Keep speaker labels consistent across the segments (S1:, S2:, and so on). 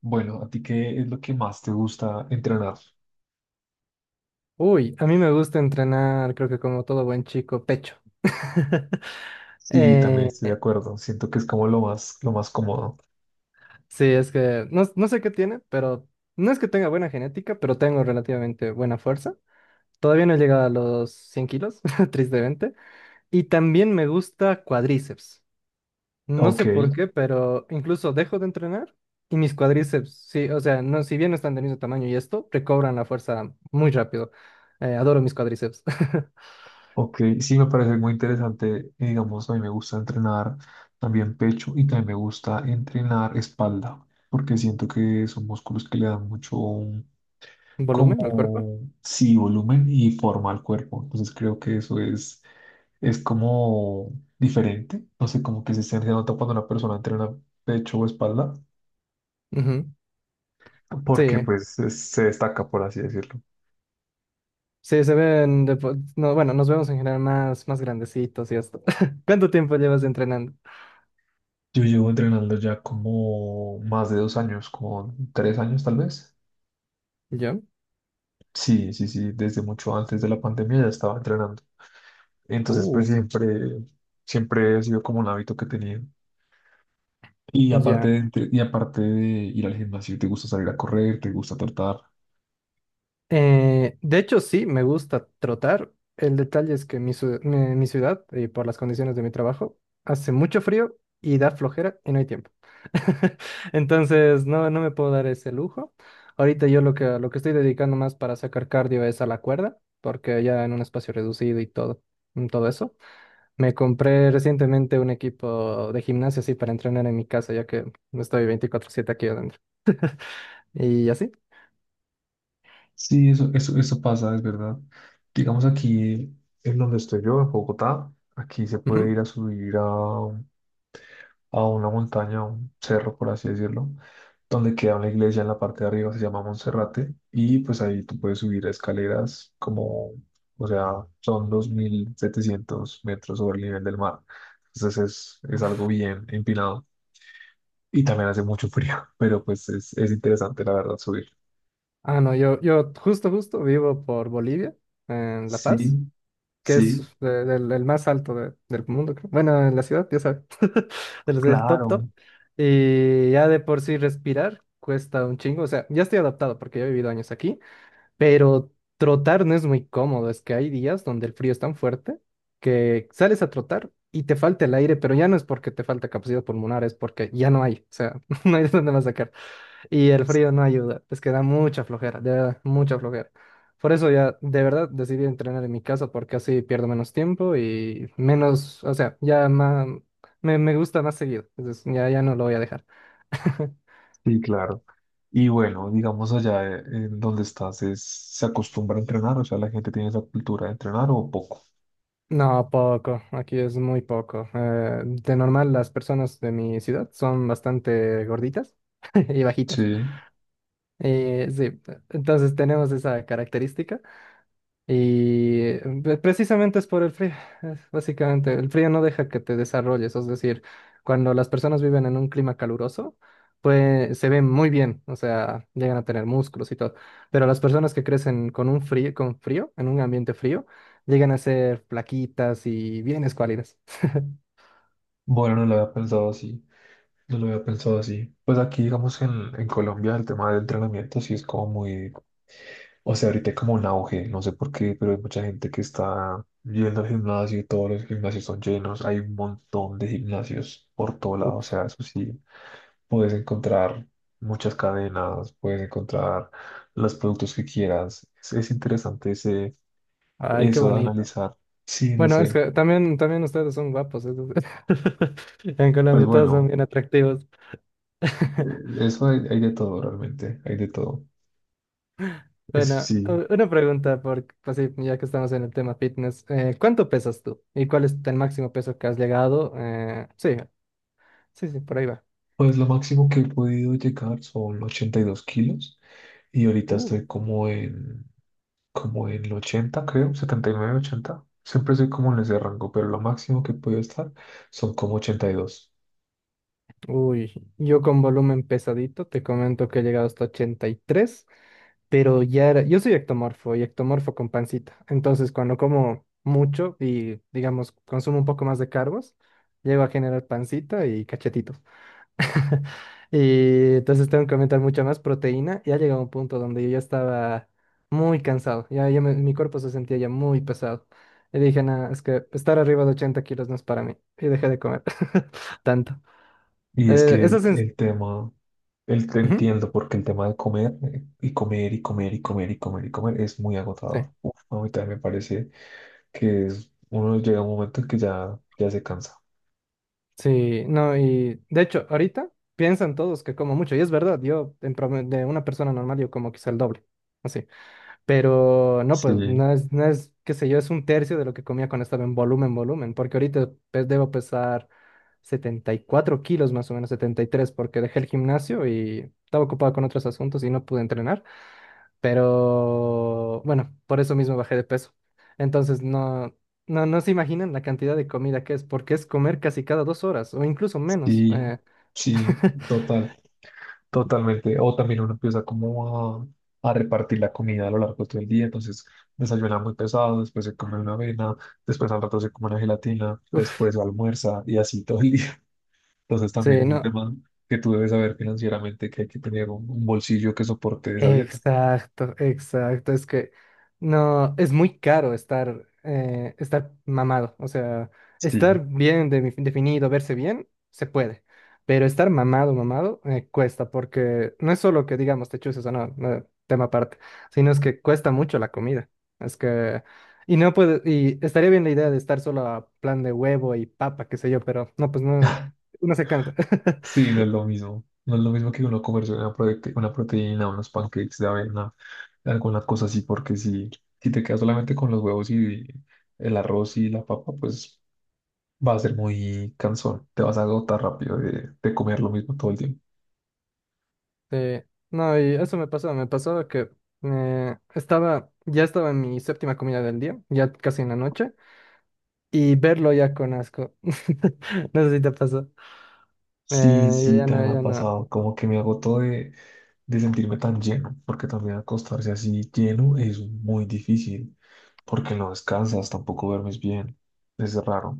S1: Bueno, ¿a ti qué es lo que más te gusta entrenar?
S2: Uy, a mí me gusta entrenar, creo que como todo buen chico, pecho.
S1: Sí, también estoy de
S2: Eh,
S1: acuerdo. Siento que es como lo más cómodo.
S2: sí, es que no, no sé qué tiene, pero no es que tenga buena genética, pero tengo relativamente buena fuerza. Todavía no he llegado a los 100 kilos, tristemente. Y también me gusta cuádriceps. No
S1: OK,
S2: sé por qué, pero incluso dejo de entrenar y mis cuádriceps, sí, o sea, no, si bien no están del mismo tamaño y esto, recobran la fuerza muy rápido. Adoro mis cuádriceps.
S1: ok. Sí, me parece muy interesante. Y, digamos, a mí me gusta entrenar también pecho y también me gusta entrenar espalda, porque siento que son músculos que le dan mucho
S2: Volumen al cuerpo.
S1: como, sí, volumen y forma al cuerpo. Entonces creo que eso es como diferente. No sé, como que se nota cuando una persona entrena pecho o espalda
S2: Ujú,
S1: porque
S2: sí.
S1: pues se destaca, por así decirlo.
S2: Sí, se ven, no, bueno, nos vemos en general más grandecitos y esto. ¿Cuánto tiempo llevas entrenando?
S1: Yo llevo entrenando ya como más de 2 años, como 3 años tal vez.
S2: ¿Yo?
S1: Sí, sí, sí, desde mucho antes de la pandemia ya estaba entrenando. Entonces, pues
S2: Uh,
S1: siempre ha sido como un hábito que he tenido. Y aparte
S2: ya.
S1: de, entre- y aparte de ir al gimnasio, ¿te gusta salir a correr? ¿Te gusta trotar?
S2: De hecho, sí, me gusta trotar. El detalle es que mi ciudad, y por las condiciones de mi trabajo, hace mucho frío y da flojera y no hay tiempo. Entonces, no, no me puedo dar ese lujo. Ahorita yo lo que estoy dedicando más para sacar cardio es a la cuerda, porque ya en un espacio reducido y todo, todo eso. Me compré recientemente un equipo de gimnasio así para entrenar en mi casa, ya que estoy 24/7 aquí adentro. Y así.
S1: Sí, eso pasa, es verdad. Digamos aquí, en donde estoy yo, en Bogotá, aquí se puede
S2: Ujú.
S1: ir a subir a una montaña, a un cerro, por así decirlo, donde queda una iglesia en la parte de arriba, se llama Monserrate, y pues ahí tú puedes subir escaleras como, o sea, son 2.700 metros sobre el nivel del mar. Entonces es algo bien empinado y también hace mucho frío, pero pues es interesante la verdad subir.
S2: Ah, no, yo justo vivo por Bolivia, en La
S1: Sí,
S2: Paz, que es
S1: sí,
S2: el más alto del mundo, creo. Bueno, en la ciudad, ya sabes, de los del top top.
S1: claro,
S2: Y ya de por sí respirar cuesta un chingo. O sea, ya estoy adaptado porque yo he vivido años aquí. Pero trotar no es muy cómodo, es que hay días donde el frío es tan fuerte que sales a trotar y te falta el aire, pero ya no es porque te falta capacidad pulmonar, es porque ya no hay, o sea, no hay de dónde más sacar. Y el frío no ayuda, es que da mucha flojera, de verdad, mucha flojera. Por eso ya de verdad decidí entrenar en mi casa porque así pierdo menos tiempo y menos, o sea, ya más, me gusta más seguido, entonces ya, ya no lo voy a dejar.
S1: sí, claro. Y bueno, digamos allá en donde estás, ¿se acostumbra a entrenar? O sea, la gente tiene esa cultura de entrenar o poco.
S2: No, poco. Aquí es muy poco. De normal, las personas de mi ciudad son bastante gorditas y bajitas.
S1: Sí.
S2: Sí, entonces tenemos esa característica. Y precisamente es por el frío, es básicamente, el frío no deja que te desarrolles, es decir, cuando las personas viven en un clima caluroso, pues se ven muy bien, o sea, llegan a tener músculos y todo, pero las personas que crecen con un frío, con frío, en un ambiente frío, llegan a ser flaquitas y bien escuálidas.
S1: Bueno, no lo había pensado así, no lo había pensado así. Pues aquí, digamos, en Colombia el tema del entrenamiento sí es como muy, o sea, ahorita hay como un auge, no sé por qué, pero hay mucha gente que está yendo al gimnasio y todos los gimnasios son llenos, hay un montón de gimnasios por todo lado, o
S2: Uf,
S1: sea, eso sí, puedes encontrar muchas cadenas, puedes encontrar los productos que quieras. Es interesante
S2: ay, qué
S1: eso de
S2: bonito.
S1: analizar. Sí, no
S2: Bueno, es
S1: sé.
S2: que también ustedes son guapos, en
S1: Pues
S2: Colombia todos son
S1: bueno,
S2: bien atractivos.
S1: eh, eso hay de todo realmente, hay de todo. Eso
S2: Bueno,
S1: sí,
S2: una pregunta, pues sí, ya que estamos en el tema fitness, ¿cuánto pesas tú? ¿Y cuál es el máximo peso que has llegado? Sí, sí, sí, por ahí va.
S1: pues lo máximo que he podido llegar son 82 kilos y ahorita
S2: Uh,
S1: estoy como en el 80, creo, 79, 80. Siempre estoy como en ese rango, pero lo máximo que he podido estar son como 82.
S2: Uy, yo con volumen pesadito te comento que he llegado hasta 83, pero ya era, yo soy ectomorfo y ectomorfo con pancita, entonces cuando como mucho y digamos consumo un poco más de carbos, llego a generar pancita y cachetito. Y entonces tengo que aumentar mucha más proteína. Y ha llegado un punto donde yo ya estaba muy cansado. Ya, ya mi cuerpo se sentía ya muy pesado. Y dije, nada, es que estar arriba de 80 kilos no es para mí. Y dejé de comer tanto.
S1: Y dos. Y es que
S2: Eso
S1: el,
S2: es...
S1: el tema, te
S2: Ujú,
S1: entiendo, porque el tema de comer y comer y comer y comer y comer y comer es muy
S2: sí,
S1: agotador. Uf, no, a mí también me parece que uno llega a un momento en que ya se cansa.
S2: sí, no, y de hecho, ahorita piensan todos que como mucho. Y es verdad, yo en promedio de una persona normal yo como quizá el doble. Así. Pero no, pues
S1: Sí,
S2: no es, qué sé yo, es un tercio de lo que comía cuando estaba en volumen, volumen, porque ahorita pues, debo pesar 74 kilos más o menos, 73, porque dejé el gimnasio y estaba ocupado con otros asuntos y no pude entrenar, pero bueno, por eso mismo bajé de peso. Entonces no, no, no se imaginan la cantidad de comida que es, porque es comer casi cada 2 horas o incluso menos.
S1: sí, sí, total. Totalmente. O también uno empieza como a repartir la comida a lo largo de todo el día. Entonces desayuna muy pesado, después se come una avena, después al rato se come una gelatina,
S2: Uf,
S1: después almuerza y así todo el día. Entonces también
S2: sí,
S1: es un
S2: no.
S1: tema que tú debes saber financieramente que hay que tener un bolsillo que soporte esa dieta.
S2: Exacto, exacto. Es que no, es muy caro estar mamado. O sea,
S1: Sí,
S2: estar bien definido, verse bien, se puede. Pero estar mamado, mamado, cuesta, porque no es solo que digamos te chuses o no, no, tema aparte, sino es que cuesta mucho la comida. Es que, y no puede, y estaría bien la idea de estar solo a plan de huevo y papa, qué sé yo, pero no, pues no, uno se cansa.
S1: sí, no es lo mismo. No es lo mismo que uno comerse una proteína, unos pancakes de avena, alguna cosa así, porque si te quedas solamente con los huevos y el arroz y la papa, pues va a ser muy cansón, te vas a agotar rápido de comer lo mismo todo el tiempo.
S2: Sí, no, y eso me pasó que ya estaba en mi séptima comida del día, ya casi en la noche, y verlo ya con asco. No sé si te pasó.
S1: Sí,
S2: Yo
S1: sí,
S2: ya no,
S1: también me ha
S2: ya no.
S1: pasado, como que me agotó de sentirme tan lleno, porque también acostarse así lleno es muy difícil, porque no descansas, tampoco duermes bien, es raro.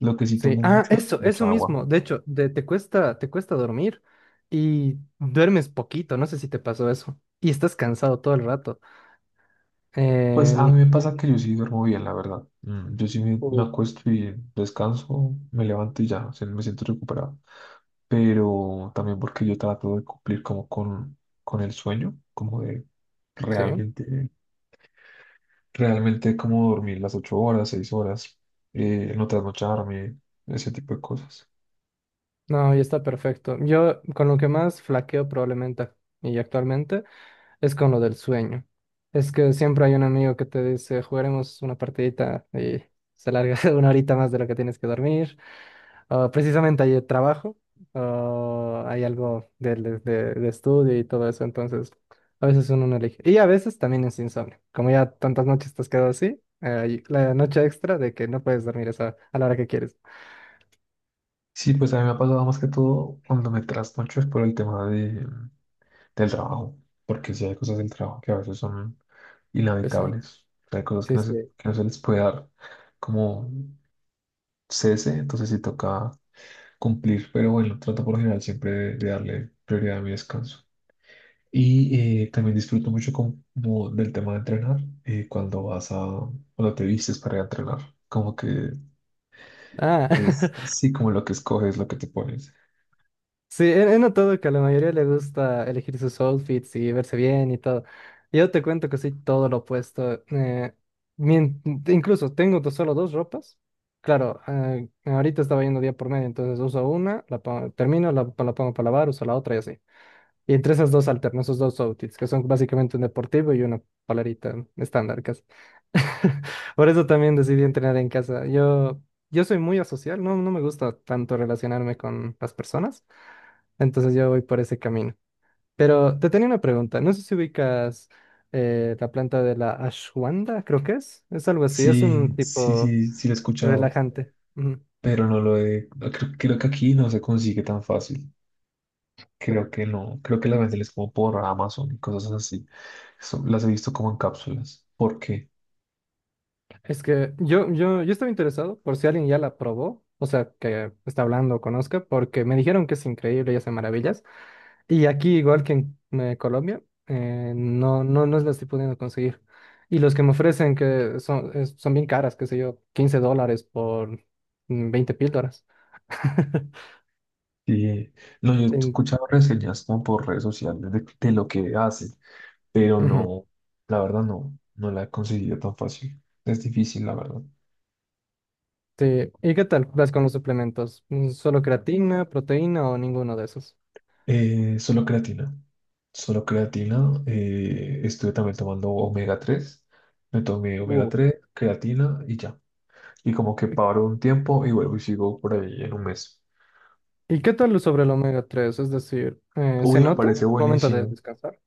S1: Lo que sí
S2: Sí,
S1: tomo
S2: ah,
S1: mucho es
S2: eso
S1: mucha agua.
S2: mismo. De hecho, te cuesta dormir y duermes poquito, no sé si te pasó eso. Y estás cansado todo el rato.
S1: Pues a mí
S2: En-
S1: me
S2: en-
S1: pasa que yo sí duermo bien, la verdad. Mm. Yo sí me
S2: Uh,
S1: acuesto y descanso, me levanto y ya, o sea, me siento recuperado. Pero también porque yo trato de cumplir como con el sueño, como de
S2: sí,
S1: realmente, realmente como dormir las 8 horas, 6 horas, no trasnocharme, ese tipo de cosas.
S2: no, y está perfecto. Yo con lo que más flaqueo probablemente y actualmente es con lo del sueño. Es que siempre hay un amigo que te dice, jugaremos una partidita y se larga una horita más de lo que tienes que dormir. O precisamente hay trabajo, o hay algo de estudio y todo eso. Entonces, a veces uno no elige. Y a veces también es insomnio. Como ya tantas noches te has quedado así, y la noche extra de que no puedes dormir a la hora que quieres.
S1: Sí, pues a mí me ha pasado más que todo cuando me trasnocho es por el tema del trabajo, porque si hay cosas del trabajo que a veces son
S2: Pues ahí.
S1: inevitables, o sea, hay cosas que
S2: Sí,
S1: no se,
S2: sí.
S1: que no se les puede dar como cese, entonces sí toca cumplir, pero bueno, trato por lo general siempre de darle prioridad a mi descanso. Y también disfruto mucho como del tema de entrenar, cuando cuando te vistes para ir a entrenar, como que
S2: Ah.
S1: sí, como lo que escoges, lo que te pones.
S2: Sí, he notado que a la mayoría le gusta elegir sus outfits y verse bien y todo. Yo te cuento que soy todo lo opuesto. Incluso tengo solo dos ropas. Claro, ahorita estaba yendo día por medio, entonces uso una, termino, la pongo para lavar, uso la otra y así. Y entre esas dos alterno, esos dos outfits, que son básicamente un deportivo y una polerita estándar casi. Por eso también decidí entrenar en casa. Yo soy muy asocial, no, no me gusta tanto relacionarme con las personas. Entonces yo voy por ese camino. Pero te tenía una pregunta. No sé si ubicas la planta de la ashwanda, creo que es. Es algo así, es
S1: Sí,
S2: un
S1: sí,
S2: tipo
S1: sí, sí lo he escuchado,
S2: relajante. Ujú.
S1: pero no creo que aquí no se consigue tan fácil. Creo que no, creo que las venden es como por Amazon y cosas así. Eso las he visto como en cápsulas. ¿Por qué?
S2: Es que yo estaba interesado por si alguien ya la probó, o sea, que está hablando o conozca, porque me dijeron que es increíble y hace maravillas. Y aquí, igual que en Colombia, no, no, no las estoy pudiendo conseguir. Y los que me ofrecen que son, son bien caras, qué sé yo, $15 por 20 píldoras.
S1: Y, no, yo he
S2: En-
S1: escuchado reseñas como por redes sociales de lo que hacen, pero
S2: Ujú,
S1: no, la verdad no la he conseguido tan fácil. Es difícil, la verdad.
S2: sí. ¿Y qué tal vas con los suplementos? ¿Solo creatina, proteína o ninguno de esos?
S1: Solo creatina. Solo creatina. Estuve también tomando omega 3. Me tomé omega
S2: Uh.
S1: 3 creatina y ya. Y como que paro un tiempo y vuelvo y sigo por ahí en un mes.
S2: ¿Y qué tal sobre el omega 3? Es decir, ¿se
S1: Uy, me
S2: nota
S1: parece
S2: al momento de
S1: buenísimo.
S2: descansar?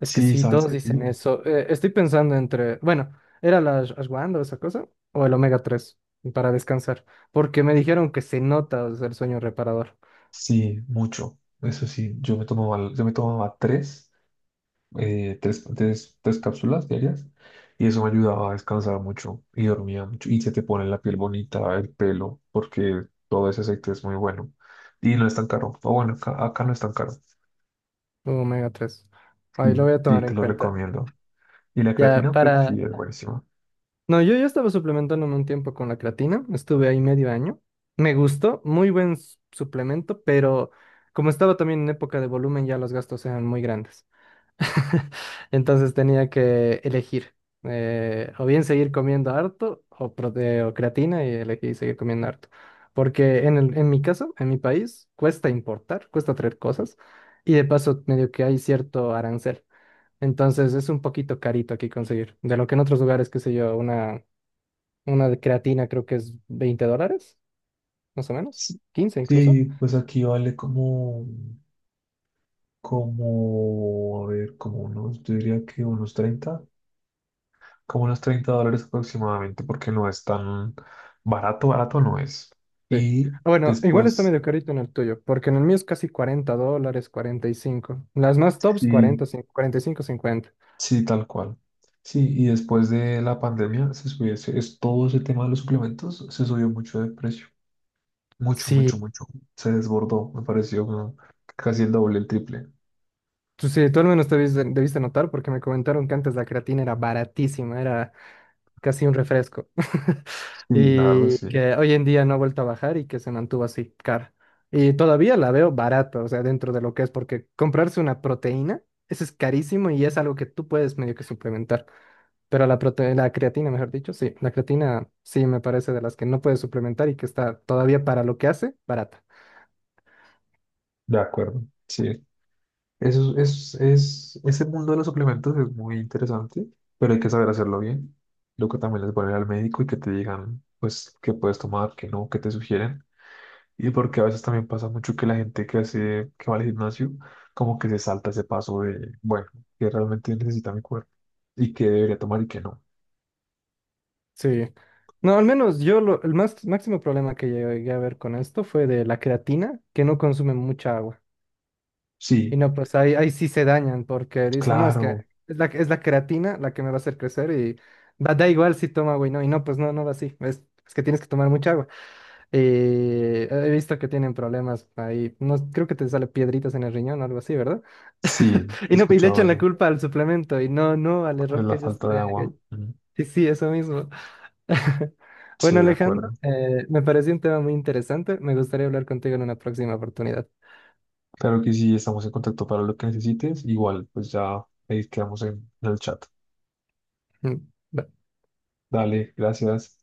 S2: Es que
S1: Sí,
S2: sí,
S1: sabes
S2: todos
S1: que
S2: dicen
S1: sí,
S2: eso. Estoy pensando entre, bueno, ¿era la ashwagandha o esa cosa? O el omega 3 para descansar. Porque me dijeron que se nota, o sea, el sueño reparador.
S1: sí, mucho. Eso sí, yo me tomaba tres cápsulas diarias y eso me ayudaba a descansar mucho y dormía mucho. Y se te pone la piel bonita, el pelo, porque todo ese aceite es muy bueno y no es tan caro. O bueno, acá no es tan caro.
S2: Omega 3. Ahí lo
S1: Sí,
S2: voy a
S1: sí,
S2: tomar
S1: te
S2: en
S1: lo
S2: cuenta.
S1: recomiendo. Y la
S2: Ya,
S1: creatina, pues sí,
S2: para...
S1: es buenísima.
S2: No, yo ya estaba suplementándome un tiempo con la creatina. Estuve ahí medio año. Me gustó, muy buen suplemento, pero como estaba también en época de volumen, ya los gastos eran muy grandes. Entonces tenía que elegir o bien seguir comiendo harto o creatina y elegí seguir comiendo harto. Porque en mi caso, en mi país, cuesta importar, cuesta traer cosas y de paso medio que hay cierto arancel. Entonces es un poquito carito aquí conseguir. De lo que en otros lugares, qué sé yo, una de creatina creo que es $20, más o menos,
S1: Sí,
S2: 15 incluso.
S1: sí, pues aquí vale como, a ver, como unos, yo diría que unos treinta dólares aproximadamente, porque no es tan barato, barato no es.
S2: Sí.
S1: Y
S2: Ah, bueno, igual está
S1: después,
S2: medio carito en el tuyo, porque en el mío es casi $40, 45. Las más tops,
S1: sí,
S2: 45, 50.
S1: sí, tal cual. Sí, y después de la pandemia se subió, todo ese tema de los suplementos se subió mucho de precio, mucho, mucho,
S2: Sí,
S1: mucho. Se desbordó, me pareció como casi el doble, el triple.
S2: tú al menos te debiste, notar porque me comentaron que antes la creatina era baratísima, era casi un refresco.
S1: Sí, la verdad,
S2: Y
S1: sí,
S2: que hoy en día no ha vuelto a bajar y que se mantuvo así, cara. Y todavía la veo barata, o sea, dentro de lo que es, porque comprarse una proteína, eso es carísimo y es algo que tú puedes medio que suplementar. Pero la creatina, mejor dicho, sí, la creatina sí me parece de las que no puedes suplementar y que está todavía para lo que hace, barata.
S1: de acuerdo. Sí, eso ese mundo de los suplementos es muy interesante, pero hay que saber hacerlo bien. Lo que también les voy al médico y que te digan, pues, qué puedes tomar, qué no, qué te sugieren. Y porque a veces también pasa mucho que la gente que va al gimnasio, como que se salta ese paso de, bueno, que realmente necesita mi cuerpo y qué debería tomar y qué no.
S2: Sí. No, al menos el máximo problema que llegué a ver con esto fue de la creatina, que no consume mucha agua. Y
S1: Sí,
S2: no, pues ahí sí se dañan porque dicen, no, es que
S1: claro,
S2: es la creatina la que me va a hacer crecer y va, da igual si toma agua y no, pues no, no va así. Es que tienes que tomar mucha agua. Y he visto que tienen problemas ahí. No, creo que te sale piedritas en el riñón o algo así, ¿verdad?
S1: sí, he
S2: No, y le
S1: escuchado
S2: echan la
S1: eso.
S2: culpa al suplemento y no, no al
S1: Es
S2: error
S1: la
S2: que ellos...
S1: falta de agua. Mm,
S2: Sí, sí, eso mismo.
S1: sí,
S2: Bueno,
S1: de
S2: Alejandro,
S1: acuerdo.
S2: me pareció un tema muy interesante. Me gustaría hablar contigo en una próxima oportunidad.
S1: Claro que sí, estamos en contacto para lo que necesites. Igual, pues ya ahí quedamos en el chat.
S2: Mm, bye.
S1: Dale, gracias.